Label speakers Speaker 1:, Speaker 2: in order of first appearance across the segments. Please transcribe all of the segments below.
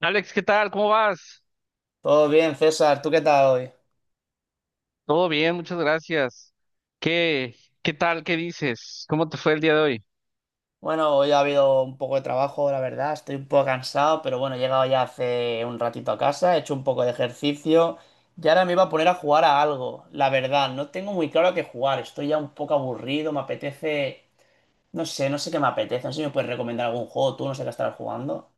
Speaker 1: Alex, ¿qué tal? ¿Cómo vas?
Speaker 2: Todo bien, César. ¿Tú qué tal hoy?
Speaker 1: Todo bien, muchas gracias. ¿Qué, qué tal? ¿Qué dices? ¿Cómo te fue el día de hoy?
Speaker 2: Bueno, hoy ha habido un poco de trabajo, la verdad. Estoy un poco cansado, pero bueno, he llegado ya hace un ratito a casa, he hecho un poco de ejercicio y ahora me iba a poner a jugar a algo. La verdad, no tengo muy claro a qué jugar. Estoy ya un poco aburrido, me apetece. No sé qué me apetece. No sé si me puedes recomendar algún juego. Tú no sé qué estarás jugando.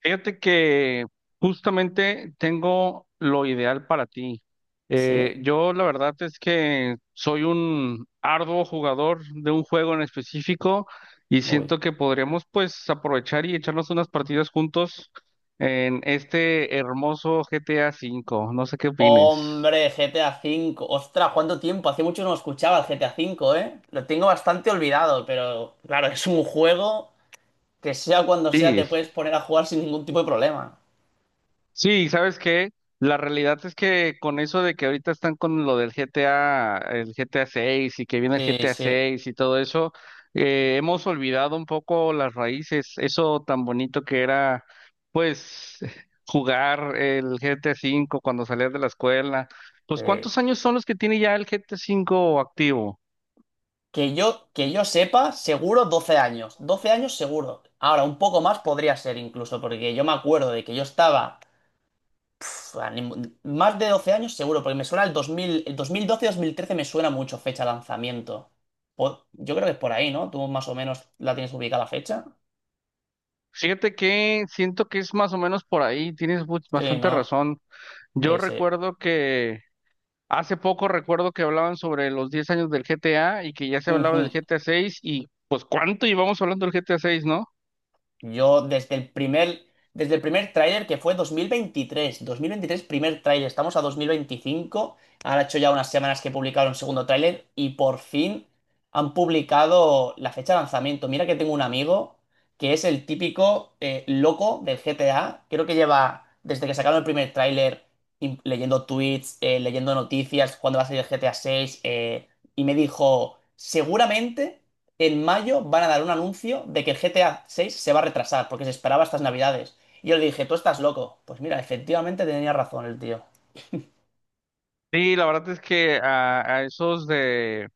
Speaker 1: Fíjate que justamente tengo lo ideal para ti.
Speaker 2: ¿Sí?
Speaker 1: Yo la verdad es que soy un arduo jugador de un juego en específico y
Speaker 2: Uy.
Speaker 1: siento que podríamos pues aprovechar y echarnos unas partidas juntos en este hermoso GTA V. No sé qué opines.
Speaker 2: Hombre, GTA V. Ostras, ¿cuánto tiempo? Hace mucho no escuchaba el GTA V, ¿eh? Lo tengo bastante olvidado, pero claro, es un juego. Que sea cuando sea,
Speaker 1: Sí,
Speaker 2: te puedes poner a jugar sin ningún tipo de problema.
Speaker 1: sí, ¿sabes qué? La realidad es que con eso de que ahorita están con lo del GTA, el GTA 6 y que viene el
Speaker 2: Sí,
Speaker 1: GTA
Speaker 2: sí,
Speaker 1: 6 y todo eso, hemos olvidado un poco las raíces, eso tan bonito que era, pues, jugar el GTA 5 cuando salías de la escuela. Pues,
Speaker 2: sí.
Speaker 1: ¿cuántos años son los que tiene ya el GTA 5 activo?
Speaker 2: Que yo sepa, seguro 12 años. 12 años seguro. Ahora, un poco más podría ser incluso, porque yo me acuerdo de que yo estaba pf, a ni- más de 12 años seguro, porque me suena el dos dos mil doce 2013 me suena mucho fecha de lanzamiento. Yo creo que es por ahí, ¿no? Tú más o menos la tienes ubicada la fecha.
Speaker 1: Fíjate que siento que es más o menos por ahí, tienes
Speaker 2: Sí,
Speaker 1: bastante
Speaker 2: ¿no?
Speaker 1: razón. Yo
Speaker 2: Sí, sí.
Speaker 1: recuerdo que Hace poco recuerdo que hablaban sobre los 10 años del GTA y que ya se hablaba del
Speaker 2: Ujú.
Speaker 1: GTA 6 y pues cuánto llevamos hablando del GTA 6, ¿no?
Speaker 2: Yo desde el primer tráiler que fue 2023 primer tráiler, estamos a 2025, han hecho ya unas semanas que publicaron el segundo tráiler y por fin han publicado la fecha de lanzamiento. Mira que tengo un amigo que es el típico loco del GTA, creo que lleva desde que sacaron el primer tráiler leyendo tweets, leyendo noticias, cuándo va a salir el GTA 6. Y me dijo, seguramente en mayo van a dar un anuncio de que el GTA 6 se va a retrasar porque se esperaba estas navidades. Y yo le dije, tú estás loco. Pues mira, efectivamente tenía razón el tío.
Speaker 1: Sí, la verdad es que a esos de,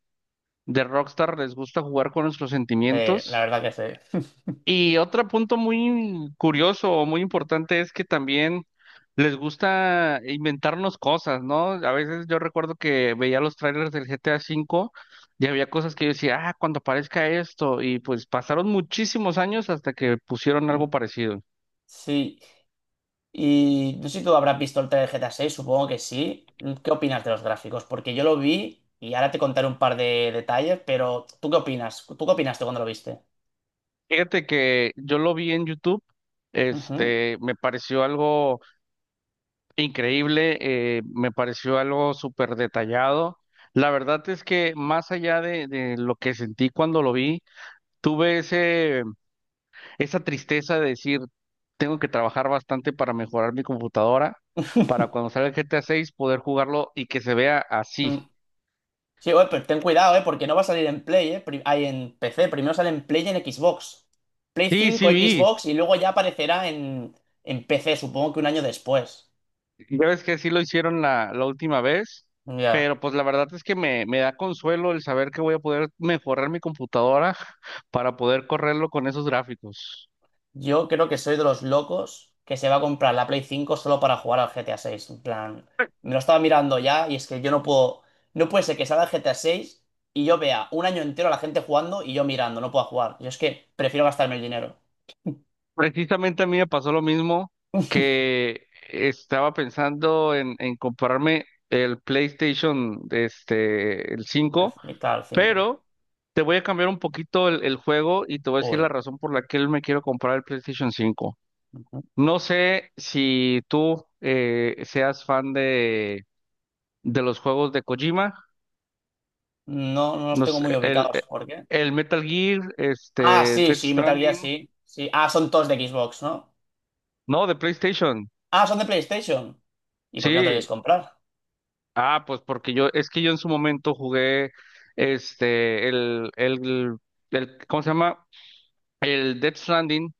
Speaker 1: de Rockstar les gusta jugar con nuestros
Speaker 2: La
Speaker 1: sentimientos.
Speaker 2: verdad que sí.
Speaker 1: Y otro punto muy curioso o muy importante es que también les gusta inventarnos cosas, ¿no? A veces yo recuerdo que veía los trailers del GTA V y había cosas que yo decía, ah, cuando aparezca esto, y pues pasaron muchísimos años hasta que pusieron
Speaker 2: Mm.
Speaker 1: algo parecido.
Speaker 2: Sí. Y no sé si tú habrás visto el trailer de GTA 6, supongo que sí. ¿Qué opinas de los gráficos? Porque yo lo vi y ahora te contaré un par de detalles, pero ¿tú qué opinas? ¿Tú qué opinaste cuando lo viste?
Speaker 1: Fíjate que yo lo vi en YouTube,
Speaker 2: Ujú.
Speaker 1: este, me pareció algo increíble, me pareció algo súper detallado. La verdad es que más allá de lo que sentí cuando lo vi, tuve esa tristeza de decir, tengo que trabajar bastante para mejorar mi computadora, para cuando salga el GTA 6 poder jugarlo y que se vea así.
Speaker 2: Sí, oye, pues ten cuidado, ¿eh? Porque no va a salir en Play, ¿eh? En PC. Primero sale en Play y en Xbox. Play
Speaker 1: Sí, sí,
Speaker 2: cinco,
Speaker 1: vi.
Speaker 2: Xbox y luego ya aparecerá en, PC, supongo que un año después.
Speaker 1: Ya ves que sí lo hicieron la última vez,
Speaker 2: Ya.
Speaker 1: pero pues la verdad es que me da consuelo el saber que voy a poder mejorar mi computadora para poder correrlo con esos gráficos.
Speaker 2: Yo creo que soy de los locos que se va a comprar la Play 5 solo para jugar al GTA 6. En plan, me lo estaba mirando ya y es que yo no puedo. No puede ser que salga el GTA 6 y yo vea un año entero a la gente jugando y yo mirando, no puedo jugar. Yo es que prefiero gastarme el dinero.
Speaker 1: Precisamente a mí me pasó lo mismo que estaba pensando en comprarme el PlayStation, este, el 5.
Speaker 2: El, claro, el 5.
Speaker 1: Pero te voy a cambiar un poquito el juego y te voy a decir
Speaker 2: Uy.
Speaker 1: la razón por la que él me quiero comprar el PlayStation 5. No sé si tú seas fan de los juegos de Kojima,
Speaker 2: No, no los
Speaker 1: no
Speaker 2: tengo
Speaker 1: sé,
Speaker 2: muy
Speaker 1: el,
Speaker 2: ubicados.
Speaker 1: eh,
Speaker 2: ¿Por qué?
Speaker 1: el Metal Gear,
Speaker 2: Ah,
Speaker 1: este,
Speaker 2: sí,
Speaker 1: Death
Speaker 2: sí, Metal Gear,
Speaker 1: Stranding,
Speaker 2: sí. Sí. Ah, son todos de Xbox, ¿no?
Speaker 1: no, de PlayStation,
Speaker 2: Ah, son de PlayStation. ¿Y por qué no te lo quieres
Speaker 1: sí.
Speaker 2: comprar?
Speaker 1: Ah, pues porque es que yo en su momento jugué este, ¿cómo se llama? El Death Stranding,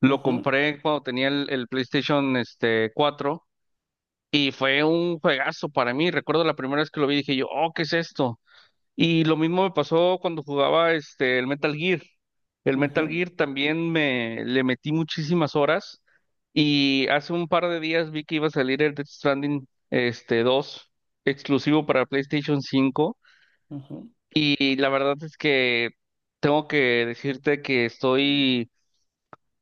Speaker 1: lo
Speaker 2: Ujú,
Speaker 1: compré cuando tenía el PlayStation este, 4 y fue un juegazo para mí. Recuerdo la primera vez que lo vi dije yo, oh, ¿qué es esto? Y lo mismo me pasó cuando jugaba este el Metal Gear. El Metal
Speaker 2: ujú,
Speaker 1: Gear también me le metí muchísimas horas y hace un par de días vi que iba a salir el Death Stranding este 2 exclusivo para PlayStation 5,
Speaker 2: ujú.
Speaker 1: y la verdad es que tengo que decirte que estoy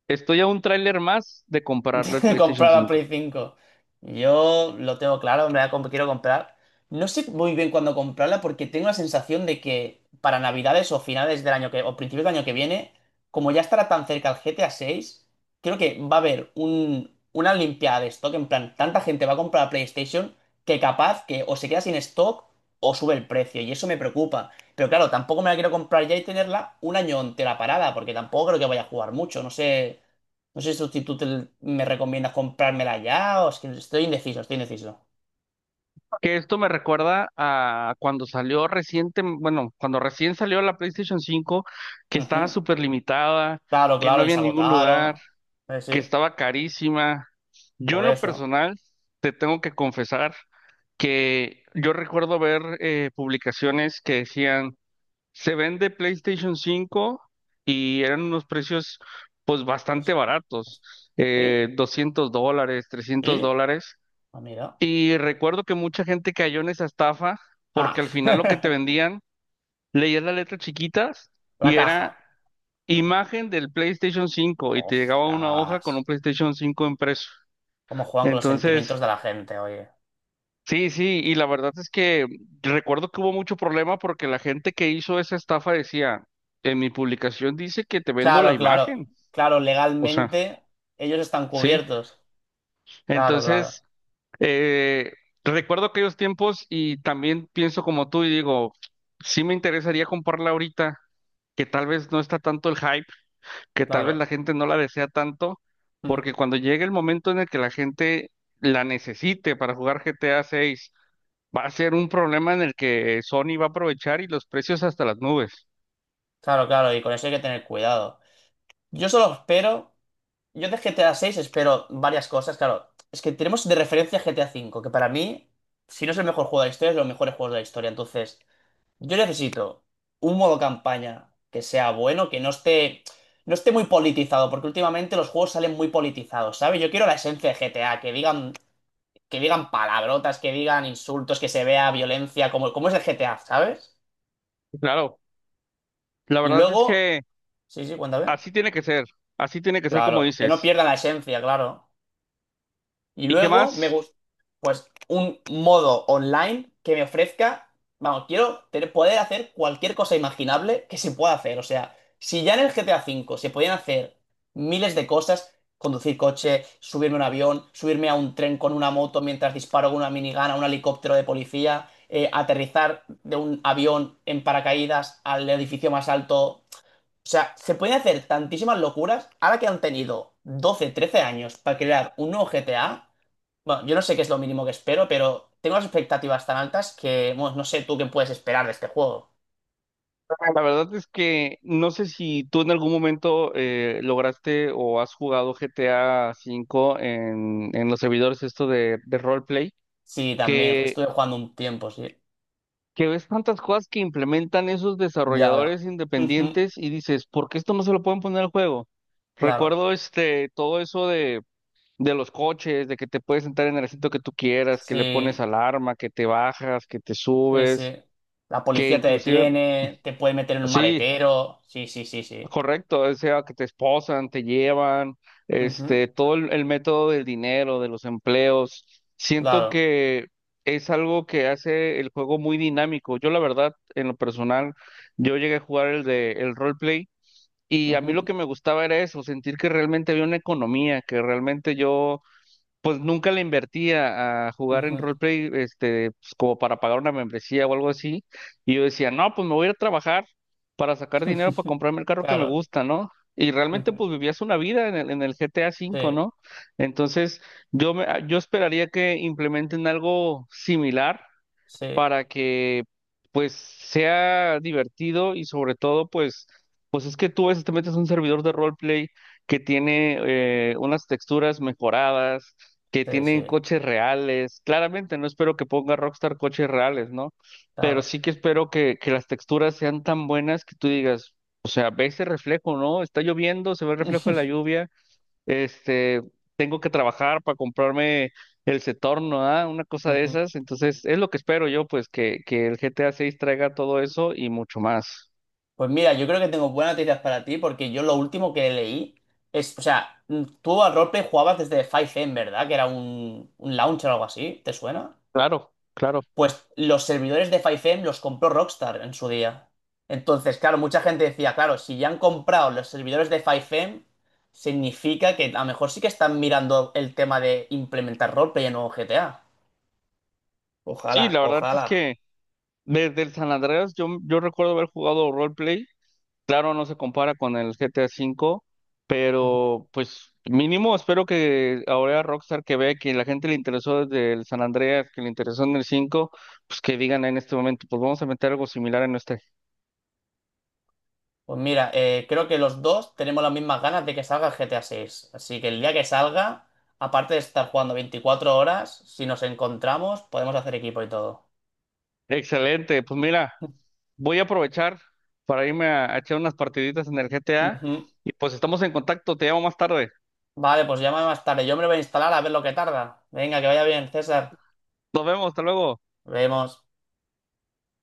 Speaker 1: estoy a un tráiler más de comprarlo al PlayStation
Speaker 2: Comprar la
Speaker 1: 5.
Speaker 2: Play cinco. Yo lo tengo claro, quiero comprar. No sé muy bien cuándo comprarla porque tengo la sensación de que para Navidades o finales del año que o principios del año que viene, como ya estará tan cerca el GTA 6, creo que va a haber una limpiada de stock. En plan, tanta gente va a comprar la PlayStation que capaz que o se queda sin stock o sube el precio y eso me preocupa. Pero claro, tampoco me la quiero comprar ya y tenerla un año entera parada porque tampoco creo que vaya a jugar mucho. No sé. No sé si tú me recomiendas comprármela ya, o es que estoy indeciso, estoy indeciso.
Speaker 1: Que esto me recuerda a cuando bueno, cuando recién salió la PlayStation 5, que estaba
Speaker 2: Ujú.
Speaker 1: súper limitada,
Speaker 2: Claro,
Speaker 1: que no
Speaker 2: claro, y
Speaker 1: había
Speaker 2: se
Speaker 1: en ningún lugar,
Speaker 2: agotaron. Eh,
Speaker 1: que
Speaker 2: sí,
Speaker 1: estaba carísima. Yo
Speaker 2: por
Speaker 1: en lo
Speaker 2: eso.
Speaker 1: personal te tengo que confesar que yo recuerdo ver publicaciones que decían, se vende PlayStation 5 y eran unos precios pues bastante
Speaker 2: Pues,
Speaker 1: baratos,
Speaker 2: pues, sí,
Speaker 1: $200, 300
Speaker 2: sí.
Speaker 1: dólares.
Speaker 2: Ah, mira.
Speaker 1: Y recuerdo que mucha gente cayó en esa estafa porque
Speaker 2: Ah,
Speaker 1: al final lo que te vendían, leías las letras chiquitas
Speaker 2: la
Speaker 1: y era
Speaker 2: caja.
Speaker 1: imagen del PlayStation 5 y te llegaba una hoja
Speaker 2: Ostras.
Speaker 1: con un PlayStation 5 impreso.
Speaker 2: ¿Cómo juegan con los sentimientos
Speaker 1: Entonces,
Speaker 2: de la gente, oye?
Speaker 1: sí, sí, y la verdad es que recuerdo que hubo mucho problema porque la gente que hizo esa estafa decía, en mi publicación dice que te vendo la
Speaker 2: Claro, claro,
Speaker 1: imagen.
Speaker 2: claro,
Speaker 1: O sea,
Speaker 2: legalmente ellos están
Speaker 1: sí.
Speaker 2: cubiertos. Claro, claro,
Speaker 1: Entonces, Eh, recuerdo aquellos tiempos y también pienso como tú y digo, sí me interesaría comprarla ahorita, que tal vez no está tanto el hype, que tal vez la
Speaker 2: claro.
Speaker 1: gente no la desea tanto,
Speaker 2: Mm,
Speaker 1: porque cuando llegue el momento en el que la gente la necesite para jugar GTA 6, va a ser un problema en el que Sony va a aprovechar y los precios hasta las nubes.
Speaker 2: Claro, claro, y con eso hay que tener cuidado. Yo solo espero Yo de GTA 6 espero varias cosas, claro. Es que tenemos de referencia GTA 5, que para mí, si no es el mejor juego de la historia, es de los mejores juegos de la historia. Entonces, yo necesito un modo campaña que sea bueno, que no esté muy politizado, porque últimamente los juegos salen muy politizados, ¿sabes? Yo quiero la esencia de GTA, que digan, palabrotas, que digan insultos, que se vea violencia, como es el GTA, ¿sabes?
Speaker 1: Claro, la
Speaker 2: Y
Speaker 1: verdad es
Speaker 2: luego,
Speaker 1: que
Speaker 2: sí, sí, cuéntame.
Speaker 1: así tiene que ser, así tiene que ser como
Speaker 2: Claro, que no
Speaker 1: dices.
Speaker 2: pierdan la esencia, claro. Y
Speaker 1: ¿Y qué
Speaker 2: luego me
Speaker 1: más?
Speaker 2: gusta, pues, un modo online que me ofrezca, vamos, poder hacer cualquier cosa imaginable que se pueda hacer. O sea, si ya en el GTA V se podían hacer miles de cosas, conducir coche, subirme a un avión, subirme a un tren con una moto mientras disparo con una minigun a un helicóptero de policía, aterrizar de un avión en paracaídas al edificio más alto. O sea, se pueden hacer tantísimas locuras ahora que han tenido 12 13 años para crear un nuevo GTA. Bueno, yo no sé qué es lo mínimo que espero, pero tengo las expectativas tan altas que, bueno, no sé tú qué puedes esperar de este juego.
Speaker 1: La verdad es que no sé si tú en algún momento lograste o has jugado GTA V en los servidores esto de roleplay,
Speaker 2: Sí, también,
Speaker 1: que,
Speaker 2: estuve jugando un tiempo, sí.
Speaker 1: que ves tantas cosas que implementan esos
Speaker 2: Ya veo.
Speaker 1: desarrolladores
Speaker 2: Ujú,
Speaker 1: independientes y dices, ¿por qué esto no se lo pueden poner al juego?
Speaker 2: claro,
Speaker 1: Recuerdo este todo eso de los coches, de que te puedes sentar en el asiento que tú quieras, que le pones
Speaker 2: sí,
Speaker 1: alarma, que te bajas, que te
Speaker 2: sí,
Speaker 1: subes,
Speaker 2: sí. La
Speaker 1: que
Speaker 2: policía te
Speaker 1: inclusive.
Speaker 2: detiene, te puede meter en un
Speaker 1: Sí,
Speaker 2: maletero. Sí, sí, sí, sí.
Speaker 1: correcto, o sea, que te esposan, te llevan,
Speaker 2: Ujú,
Speaker 1: este, todo el método del dinero, de los empleos. Siento
Speaker 2: claro.
Speaker 1: que es algo que hace el juego muy dinámico. Yo, la verdad, en lo personal, yo llegué a jugar el de el roleplay y a mí lo
Speaker 2: Ujú,
Speaker 1: que me gustaba era eso, sentir que realmente había una economía, que realmente yo pues nunca le invertí a jugar en
Speaker 2: ujú.
Speaker 1: roleplay, este, pues, como para pagar una membresía o algo así. Y yo decía, no, pues me voy a ir a trabajar para sacar dinero para comprarme el carro que me
Speaker 2: Claro.
Speaker 1: gusta, ¿no? Y realmente
Speaker 2: Ujú,
Speaker 1: pues vivías una vida en el GTA
Speaker 2: sí,
Speaker 1: V, ¿no? Entonces yo esperaría que implementen algo similar
Speaker 2: sí,
Speaker 1: para que pues sea divertido y sobre todo pues es que tú a veces te metes a un servidor de roleplay que tiene unas texturas mejoradas, que
Speaker 2: sí, sí,
Speaker 1: tienen coches reales. Claramente no espero que ponga Rockstar coches reales, ¿no? Pero
Speaker 2: claro.
Speaker 1: sí que espero que las texturas sean tan buenas que tú digas, o sea, ve ese reflejo, ¿no? Está lloviendo, se ve el reflejo de la lluvia este, tengo que trabajar para comprarme el Setorno, ¿ah? Una cosa de
Speaker 2: Ujú.
Speaker 1: esas. Entonces, es lo que espero yo, pues, que el GTA 6 traiga todo eso y mucho más.
Speaker 2: Pues mira, yo creo que tengo buenas noticias para ti porque yo lo último que leí o sea, tú al roleplay jugabas desde 5M, ¿verdad? Que era un launcher o algo así, ¿te suena?
Speaker 1: Claro, claro.
Speaker 2: Pues los servidores de 5M los compró Rockstar en su día. Entonces, claro, mucha gente decía, claro, si ya han comprado los servidores de 5M, significa que a lo mejor sí que están mirando el tema de implementar roleplay en nuevo GTA. Ojalá,
Speaker 1: Sí, la verdad es
Speaker 2: ojalá.
Speaker 1: que desde el San Andreas yo recuerdo haber jugado roleplay. Claro, no se compara con el GTA 5, pero pues mínimo espero que ahora Rockstar que vea que la gente le interesó desde el San Andreas, que le interesó en el 5, pues que digan en este momento, pues vamos a meter algo similar en nuestra.
Speaker 2: Pues mira, creo que los dos tenemos las mismas ganas de que salga el GTA 6. Así que el día que salga, aparte de estar jugando 24 horas, si nos encontramos, podemos hacer equipo y todo.
Speaker 1: Excelente, pues mira, voy a aprovechar para irme a echar unas partiditas en el GTA
Speaker 2: Ujú.
Speaker 1: y pues estamos en contacto, te llamo más tarde.
Speaker 2: Vale, pues llámame más tarde. Yo me lo voy a instalar a ver lo que tarda. Venga, que vaya bien, César.
Speaker 1: Nos vemos, hasta luego.
Speaker 2: Nos vemos.